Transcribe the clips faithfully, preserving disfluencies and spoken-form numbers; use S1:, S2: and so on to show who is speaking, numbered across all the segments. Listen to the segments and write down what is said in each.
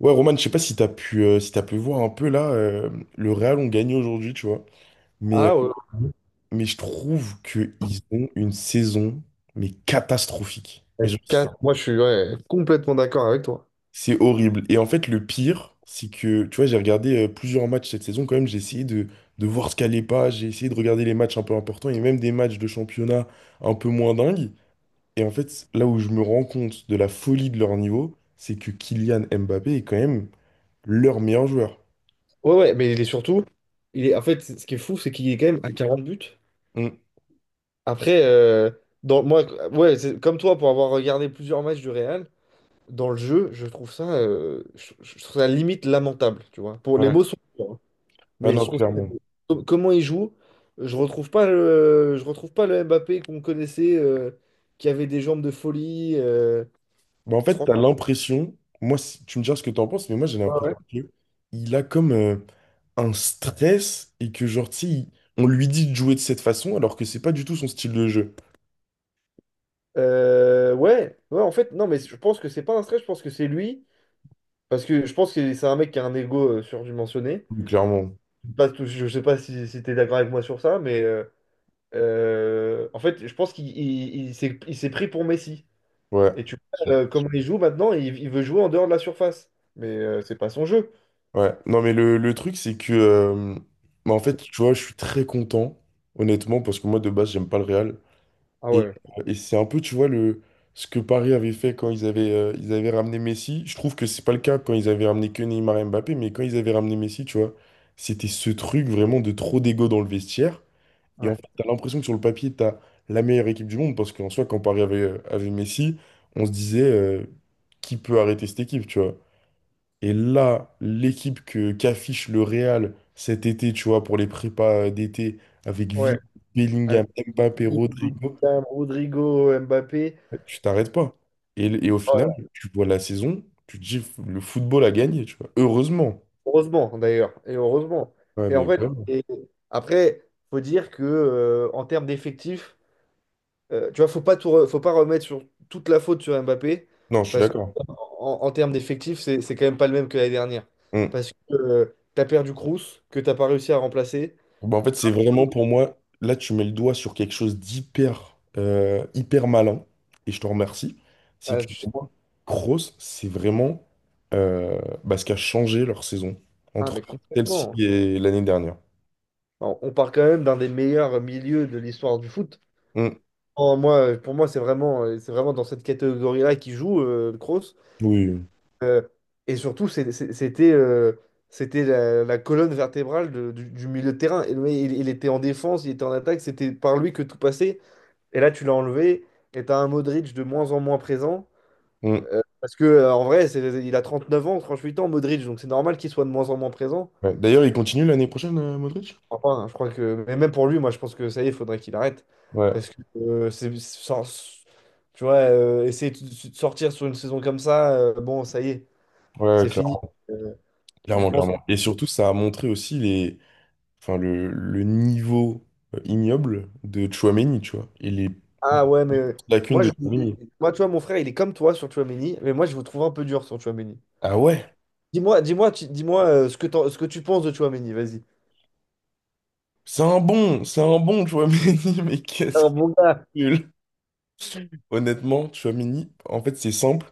S1: Ouais, Roman, je sais pas si t'as pu, euh, si t'as pu voir un peu là, euh, le Real ont gagné aujourd'hui, tu vois. Mais, euh,
S2: Ah ouais,
S1: mais je trouve qu'ils ont une saison, mais catastrophique. Mais
S2: ouais,
S1: genre,
S2: car- moi je suis ouais, complètement d'accord avec toi.
S1: c'est horrible. Et en fait, le pire, c'est que, tu vois, j'ai regardé euh, plusieurs matchs cette saison quand même. J'ai essayé de, de voir ce qu'allait pas. J'ai essayé de regarder les matchs un peu importants et même des matchs de championnat un peu moins dingues. Et en fait, là où je me rends compte de la folie de leur niveau, c'est que Kylian Mbappé est quand même leur meilleur joueur.
S2: Ouais, ouais, mais il est surtout, il est, en fait, ce qui est fou, c'est qu'il est quand même à quarante buts.
S1: Mm.
S2: Après, euh, dans, moi, ouais, c'est comme toi, pour avoir regardé plusieurs matchs du Real, dans le jeu, je trouve ça, euh, je, je trouve ça limite lamentable, tu vois. Pour, les
S1: Ouais.
S2: mots sont durs, hein,
S1: Ah
S2: mais je
S1: non,
S2: trouve ça,
S1: clairement.
S2: com- comment il joue, je retrouve pas le, je retrouve pas le Mbappé qu'on connaissait, euh, qui avait des jambes de folie. Euh,
S1: Bah en fait, tu
S2: franchement,
S1: as l'impression, moi, si- tu me diras ce que tu en penses, mais moi, j'ai l'impression
S2: ouais.
S1: que il a comme euh, un stress et que, genre, tu sais, il- on lui dit de jouer de cette façon alors que c'est pas du tout son style de jeu.
S2: Euh, ouais, ouais, en fait, non, mais je pense que c'est pas un stress, je pense que c'est lui, parce que je pense que c'est un mec qui a un ego euh, surdimensionné.
S1: Donc, clairement.
S2: Pas tout- Je sais pas si, si t'es d'accord avec moi sur ça, mais euh, euh, en fait, je pense qu'il il- il s'est il s'est pris pour Messi.
S1: Ouais.
S2: Et tu vois, euh, comment il joue maintenant, il, il veut jouer en dehors de la surface, mais euh, c'est pas son jeu.
S1: Ouais. Non, mais le, le truc, c'est que, euh, bah, en fait, tu vois, je suis très content, honnêtement, parce que moi, de base, j'aime pas le Real.
S2: Ah
S1: Et,
S2: ouais,
S1: et c'est un peu, tu vois, le, ce que Paris avait fait quand ils avaient, euh, ils avaient ramené Messi. Je trouve que c'est pas le cas quand ils avaient ramené que Neymar et Mbappé, mais quand ils avaient ramené Messi, tu vois, c'était ce truc vraiment de trop d'ego dans le vestiaire. Et en
S2: ouais,
S1: fait, t'as l'impression que sur le papier, t'as la meilleure équipe du monde, parce qu'en soi, quand Paris avait, euh, avait Messi, on se disait, euh, qui peut arrêter cette équipe, tu vois. Et là, l'équipe que qu'affiche le Real cet été, tu vois, pour les prépas euh, d'été, avec
S2: ouais.
S1: Vini,
S2: Avec
S1: Bellingham, Mbappé, Rodrigo,
S2: Rodrigo, Mbappé.
S1: bah, tu t'arrêtes pas. Et, et au final,
S2: Oh,
S1: tu vois la saison, tu te dis le football a gagné, tu vois. Heureusement.
S2: Heureusement d'ailleurs, et heureusement.
S1: Ouais,
S2: Et en
S1: mais
S2: fait,
S1: vraiment.
S2: et après, faut dire que euh, en termes d'effectifs, euh, tu vois, faut pas tout re- faut pas remettre sur toute la faute sur Mbappé,
S1: Non, je suis
S2: parce
S1: d'accord.
S2: qu'en en termes d'effectifs, c'est c'est quand même pas le même que l'année dernière.
S1: Mm.
S2: Parce que tu as perdu Kroos, que t'as pas réussi à remplacer.
S1: Bah, en fait, c'est vraiment pour moi, là, tu mets le doigt sur quelque chose d'hyper euh, hyper malin, et je te remercie. C'est
S2: Ah,
S1: que
S2: tu-
S1: pour moi, Kroos, c'est vraiment euh, bah, ce qui a changé leur saison
S2: ah,
S1: entre
S2: mais
S1: celle-ci
S2: complètement.
S1: et l'année dernière.
S2: Alors, on part quand même d'un des meilleurs milieux de l'histoire du foot.
S1: Mm.
S2: En moi, pour moi, c'est vraiment, euh, c'est vraiment dans cette catégorie-là qu'il joue, euh, Kroos.
S1: Oui.
S2: Euh, et surtout, c'est- c'est- c'était euh, c'était la, la colonne vertébrale de- du, du milieu de terrain. Et le il, il était en défense, il était en attaque, c'était par lui que tout passait. Et là, tu l'as enlevé, et t'as un Modric de moins en moins présent.
S1: Mm.
S2: Euh, parce que euh, en vrai, c'est- il a trente neuf ans, trente huit ans, Modric, donc c'est normal qu'il soit de moins en moins présent.
S1: Ouais. D'ailleurs, il continue l'année prochaine, euh, Modric?
S2: Enfin, je crois que. Mais même pour lui, moi, je pense que ça y est, il faudrait qu'il arrête.
S1: Ouais,
S2: Parce que euh, c'est. Sans- Tu vois, euh, essayer de de sortir sur une saison comme ça, euh, bon, ça y est,
S1: ouais,
S2: c'est
S1: clairement.
S2: fini. Euh, je
S1: Clairement,
S2: pense
S1: clairement. Et surtout, ça a montré aussi les, enfin, le, le niveau euh, ignoble de Chouameni, tu vois, et les
S2: Ah ouais, mais
S1: lacunes
S2: moi,
S1: de
S2: je.
S1: Chouameni.
S2: Moi, tu vois, mon frère, il est comme toi sur Tchouaméni, mais moi, je vous trouve un peu dur sur Tchouaméni.
S1: Ah ouais,
S2: Dis-moi, dis-moi, tu- dis-moi euh, ce que t'en- ce que tu penses de Tchouaméni, vas-y.
S1: c'est un bon, c'est un bon Chouameni, mais qu'est-ce
S2: Alors,
S1: qu'il est
S2: mon gars,
S1: nul. Honnêtement, Chouameni, en fait, c'est simple,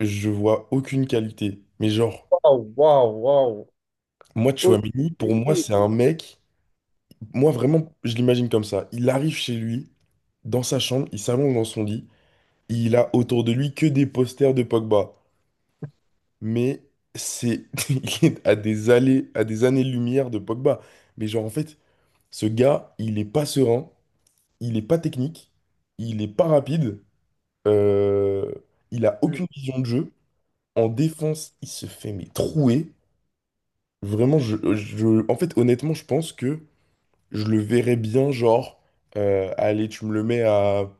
S1: je vois aucune qualité. Mais genre,
S2: waouh, waouh, waouh.
S1: moi,
S2: Oh,
S1: Chouameni, pour moi,
S2: tu-
S1: c'est un mec, moi, vraiment, je l'imagine comme ça. Il arrive chez lui, dans sa chambre, il s'allonge dans son lit, et il a autour de lui que des posters de Pogba, mais c'est, il est à des allées, à des années-lumière de Pogba. Mais genre, en fait, ce gars, il est pas serein, il est pas technique, il est pas rapide, euh, il a aucune vision de jeu. En défense, il se fait mais trouer. Vraiment, je, je- en fait, honnêtement, je pense que je le verrais bien, genre, euh, allez, tu me le mets à,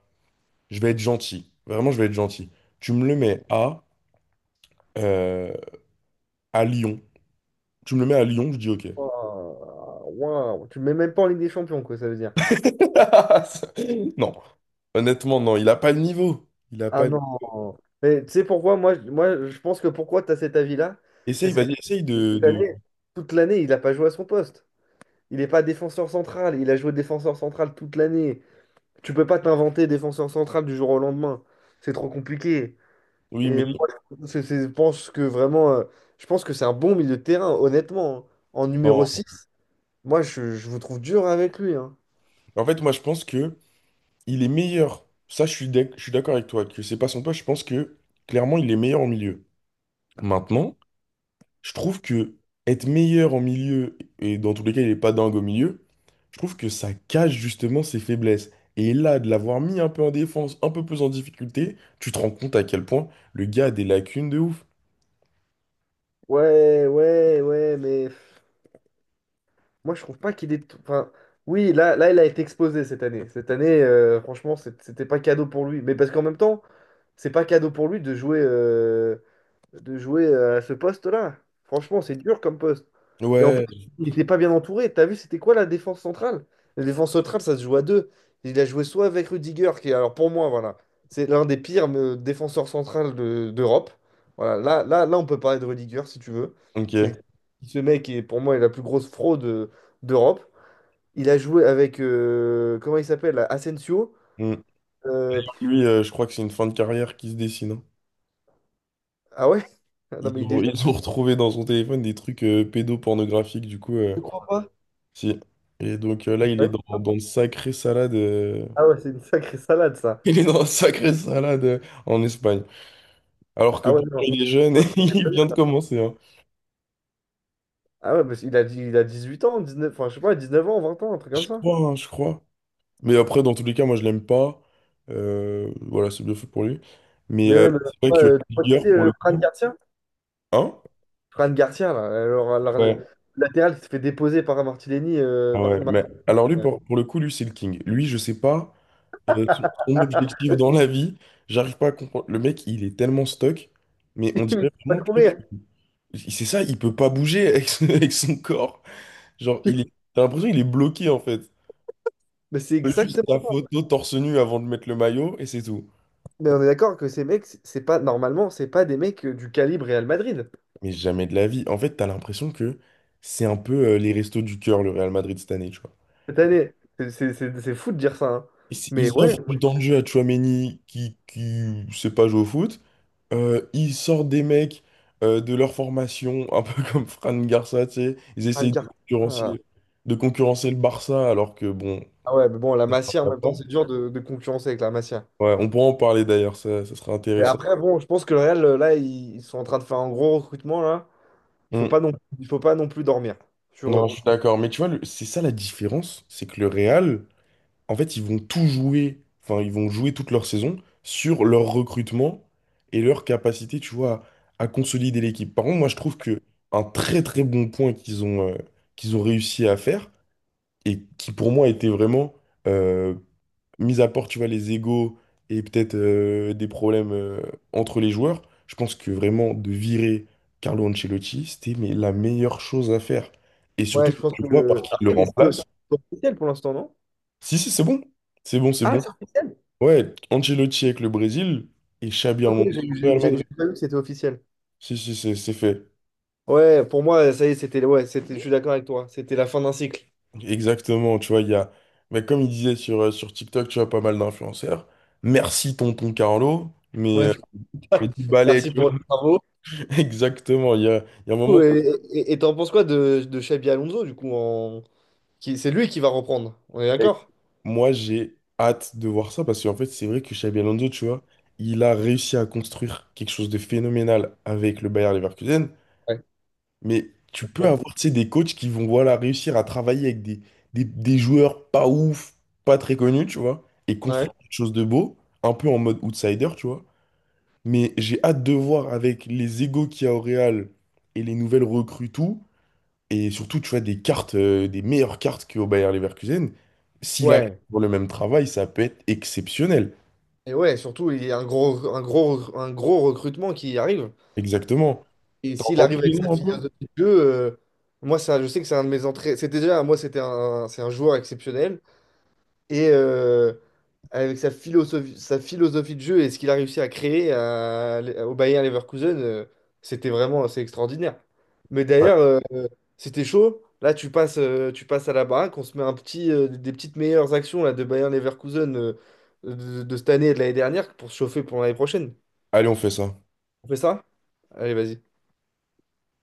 S1: je vais être gentil. Vraiment, je vais être gentil. Tu me le mets à, euh, à Lyon. Tu me le mets à Lyon, je dis ok.
S2: Waouh, waouh. Tu le mets même pas en Ligue des Champions, quoi, ça veut dire.
S1: Non, honnêtement, non, il a pas le niveau. Il a pas.
S2: Ah non. Mais tu sais pourquoi, moi, je- moi, je pense que pourquoi tu as cet avis-là? Mais
S1: Essaye,
S2: c'est parce
S1: vas-y, essaye
S2: que
S1: de,
S2: toute
S1: de-
S2: l'année, toute l'année, il n'a pas joué à son poste. Il n'est pas défenseur central. Il a joué défenseur central toute l'année. Tu peux pas t'inventer défenseur central du jour au lendemain. C'est trop compliqué.
S1: Oui, mais
S2: Et moi, c'est- c'est- je pense que vraiment, euh, je pense que c'est un bon milieu de terrain, honnêtement, hein. En numéro
S1: non.
S2: six, moi, je, je vous trouve dur avec lui, hein.
S1: En fait, moi, je pense que il est meilleur. Ça, je suis d'ac- je suis d'accord avec toi que c'est pas son poste. Je pense que clairement, il est meilleur au milieu. Maintenant, je trouve que être meilleur en milieu et dans tous les cas, il est pas dingue au milieu. Je trouve que ça cache justement ses faiblesses. Et là, de l'avoir mis un peu en défense, un peu plus en difficulté, tu te rends compte à quel point le gars a des lacunes de ouf.
S2: Ouais, ouais, ouais, mais pff, moi, je trouve pas qu'il est. Enfin, oui, là, là, il a été exposé cette année. Cette année, euh, franchement, c'est- c'était pas cadeau pour lui. Mais parce qu'en même temps, c'est pas cadeau pour lui de jouer. euh, de jouer euh, à ce poste-là. Franchement, c'est dur comme poste. Et en plus,
S1: Ouais.
S2: il n'était pas bien entouré. T'as vu, c'était quoi la défense centrale? La défense centrale, ça se joue à deux. Il a joué soit avec Rudiger, qui, alors pour moi, voilà, c'est l'un des pires euh, défenseurs centrales de- d'Europe. Voilà, là, là, là, on peut parler de Rudiger si tu veux.
S1: Ok.
S2: C'est ce mec qui est pour moi est la plus grosse fraude euh, d'Europe. Il a joué avec euh, comment il s'appelle? Asensio.
S1: Hmm.
S2: Euh,
S1: Lui, euh, je crois que c'est une fin de carrière qui se dessine, hein.
S2: ah ouais? Non
S1: Ils
S2: mais il est
S1: ont, ils
S2: jeune,
S1: ont retrouvé dans son téléphone des trucs euh, pédopornographiques, du coup, euh,
S2: je crois pas.
S1: si. Et donc euh, là, il
S2: Ouais.
S1: est dans, dans une sacrée salade, euh.
S2: Ah ouais, c'est une sacrée salade ça.
S1: Il est dans une sacrée salade euh, en Espagne. Alors que
S2: Ah ouais,
S1: pourtant,
S2: non.
S1: il est jeune
S2: Ah
S1: et il vient de commencer, hein.
S2: ouais, parce qu'il a, dit- il a dix huit ans, dix neuf enfin, je sais pas, dix neuf ans, vingt ans, un truc comme
S1: Je
S2: ça.
S1: crois, hein, je crois. Mais après, dans tous les cas, moi, je l'aime pas. Euh, voilà, c'est bien fait pour lui. Mais
S2: Mais
S1: euh,
S2: même, euh,
S1: c'est vrai
S2: ouais,
S1: que
S2: euh, tu vois qui
S1: Rigueur,
S2: c'est
S1: pour
S2: euh,
S1: le
S2: Fran
S1: coup.
S2: Garcia,
S1: Hein?
S2: Fran Garcia, là, alors, alors,
S1: Ouais.
S2: le latéral qui se fait déposer par un Martinelli, euh,
S1: Ah
S2: par
S1: ouais. Mais
S2: Martinelli,
S1: alors lui, pour, pour le coup, lui, c'est le king. Lui, je sais pas. euh, son son objectif dans la vie. J'arrive pas à comprendre. Le mec, il est tellement stuck, mais on
S2: il
S1: dirait
S2: peut pas
S1: vraiment que que-
S2: courir.
S1: c'est ça, il peut pas bouger avec son, avec son corps. Genre, il est... t'as l'impression qu'il est bloqué en fait.
S2: Mais c'est
S1: Il fait juste
S2: exactement.
S1: sa photo torse nu avant de mettre le maillot et c'est tout.
S2: Mais on est d'accord que ces mecs, c'est c'est pas, normalement, c'est pas des mecs euh, du calibre Real Madrid
S1: Mais jamais de la vie. En fait, t'as l'impression que c'est un peu euh, les restos du cœur, le Real Madrid cette année, tu vois.
S2: cette année. C'est c'est- c'est- c'est fou de dire ça, hein.
S1: Ils
S2: Mais
S1: ils
S2: ouais,
S1: offrent
S2: moi,
S1: du temps de jeu à Tchouaméni qui, qui sait pas jouer au foot. Euh, ils sortent des mecs euh, de leur formation, un peu comme Fran Garcia, tu sais. Ils
S2: Fran
S1: essayent de
S2: Garcia. Ah,
S1: concurrencer, de concurrencer le Barça, alors que bon,
S2: ah ouais, mais bon, la
S1: ça
S2: Masia, en
S1: va
S2: même
S1: pas.
S2: temps, c'est dur de, de concurrencer avec la Masia.
S1: Ouais, on pourra en parler d'ailleurs, ça, ça sera
S2: Mais
S1: intéressant.
S2: après, bon, je pense que le Real, euh, là, ils ils sont en train de faire un gros recrutement, là. Il faut pas
S1: Mm.
S2: non, il faut pas non plus dormir sur
S1: Non,
S2: eux.
S1: je suis d'accord. Mais tu vois, le- c'est ça la différence, c'est que le Real, en fait, ils vont tout jouer, enfin, ils vont jouer toute leur saison sur leur recrutement et leur capacité, tu vois, à, à consolider l'équipe. Par contre, moi, je trouve que un très très bon point qu'ils ont, euh, qu'ils ont réussi à faire, et qui pour moi était vraiment, euh, mis à part, tu vois, les égos et peut-être euh, des problèmes euh, entre les joueurs, je pense que vraiment de virer Carlo Ancelotti, c'était mais, la meilleure chose à faire. Et
S2: Ouais,
S1: surtout
S2: je
S1: que
S2: pense
S1: tu vois par
S2: que.
S1: qui il le
S2: Après, mais c'est
S1: remplace.
S2: c'est officiel pour l'instant, non?
S1: Si, si, c'est bon. C'est bon, c'est
S2: Ah,
S1: bon.
S2: c'est officiel?
S1: Ouais, Ancelotti avec le Brésil et Xabi
S2: Ok,
S1: Alonso
S2: j'ai
S1: au
S2: j'ai-
S1: Real
S2: j'ai- j'ai
S1: Madrid.
S2: pas vu que c'était officiel.
S1: Si, si, c'est c'est fait.
S2: Ouais, pour moi, ça y est, c'était. Ouais, c'était, je suis d'accord avec toi. C'était la fin d'un cycle.
S1: Exactement, tu vois, il y a, mais comme il disait sur, euh, sur TikTok, tu vois, pas mal d'influenceurs. Merci tonton Carlo,
S2: Ouais,
S1: mais Mais du ballet,
S2: merci
S1: tu
S2: pour
S1: vois.
S2: les travaux.
S1: Exactement. Il y a, il y a un moment.
S2: Et et- et t'en penses quoi de, de Xabi Alonso, du coup, en. Qui- c'est lui qui va reprendre. On est d'accord?
S1: Moi, j'ai hâte de voir ça parce qu'en fait, c'est vrai que Xabi Alonso, tu vois, il a réussi à construire quelque chose de phénoménal avec le Bayer Leverkusen.
S2: Ouais.
S1: Mais tu peux
S2: Bon.
S1: avoir, tu sais, des coachs qui vont, voilà, réussir à travailler avec des, des, des joueurs pas ouf, pas très connus, tu vois, et
S2: Ouais.
S1: construire quelque chose de beau, un peu en mode outsider, tu vois. Mais j'ai hâte de voir avec les égos qu'il y a au Real et les nouvelles recrues, tout. Et surtout, tu vois, des cartes, euh, des meilleures cartes qu'au Bayer Leverkusen. S'il arrive
S2: Ouais.
S1: pour le même travail, ça peut être exceptionnel.
S2: Et ouais, surtout, il y a un gros, un gros, un gros recrutement qui arrive.
S1: Exactement.
S2: Et
S1: T'as
S2: s'il
S1: entendu
S2: arrive
S1: les
S2: avec sa
S1: noms un peu?
S2: philosophie de jeu, euh, moi, ça, je sais que c'est un de mes entrées. C'était déjà, moi, c'était un, c'est un joueur exceptionnel. Et euh, avec sa philosophie, sa philosophie de jeu et ce qu'il a réussi à créer à- au Bayer Leverkusen, euh, c'était vraiment, c'est extraordinaire. Mais
S1: Ouais.
S2: d'ailleurs, euh, c'était chaud. Là, tu passes, euh, tu passes à la baraque, on se met un petit, euh, des petites meilleures actions là, de Bayer Leverkusen euh, de, de cette année et de l'année dernière pour se chauffer pour l'année prochaine.
S1: Allez, on fait ça.
S2: On fait ça? Allez, vas-y.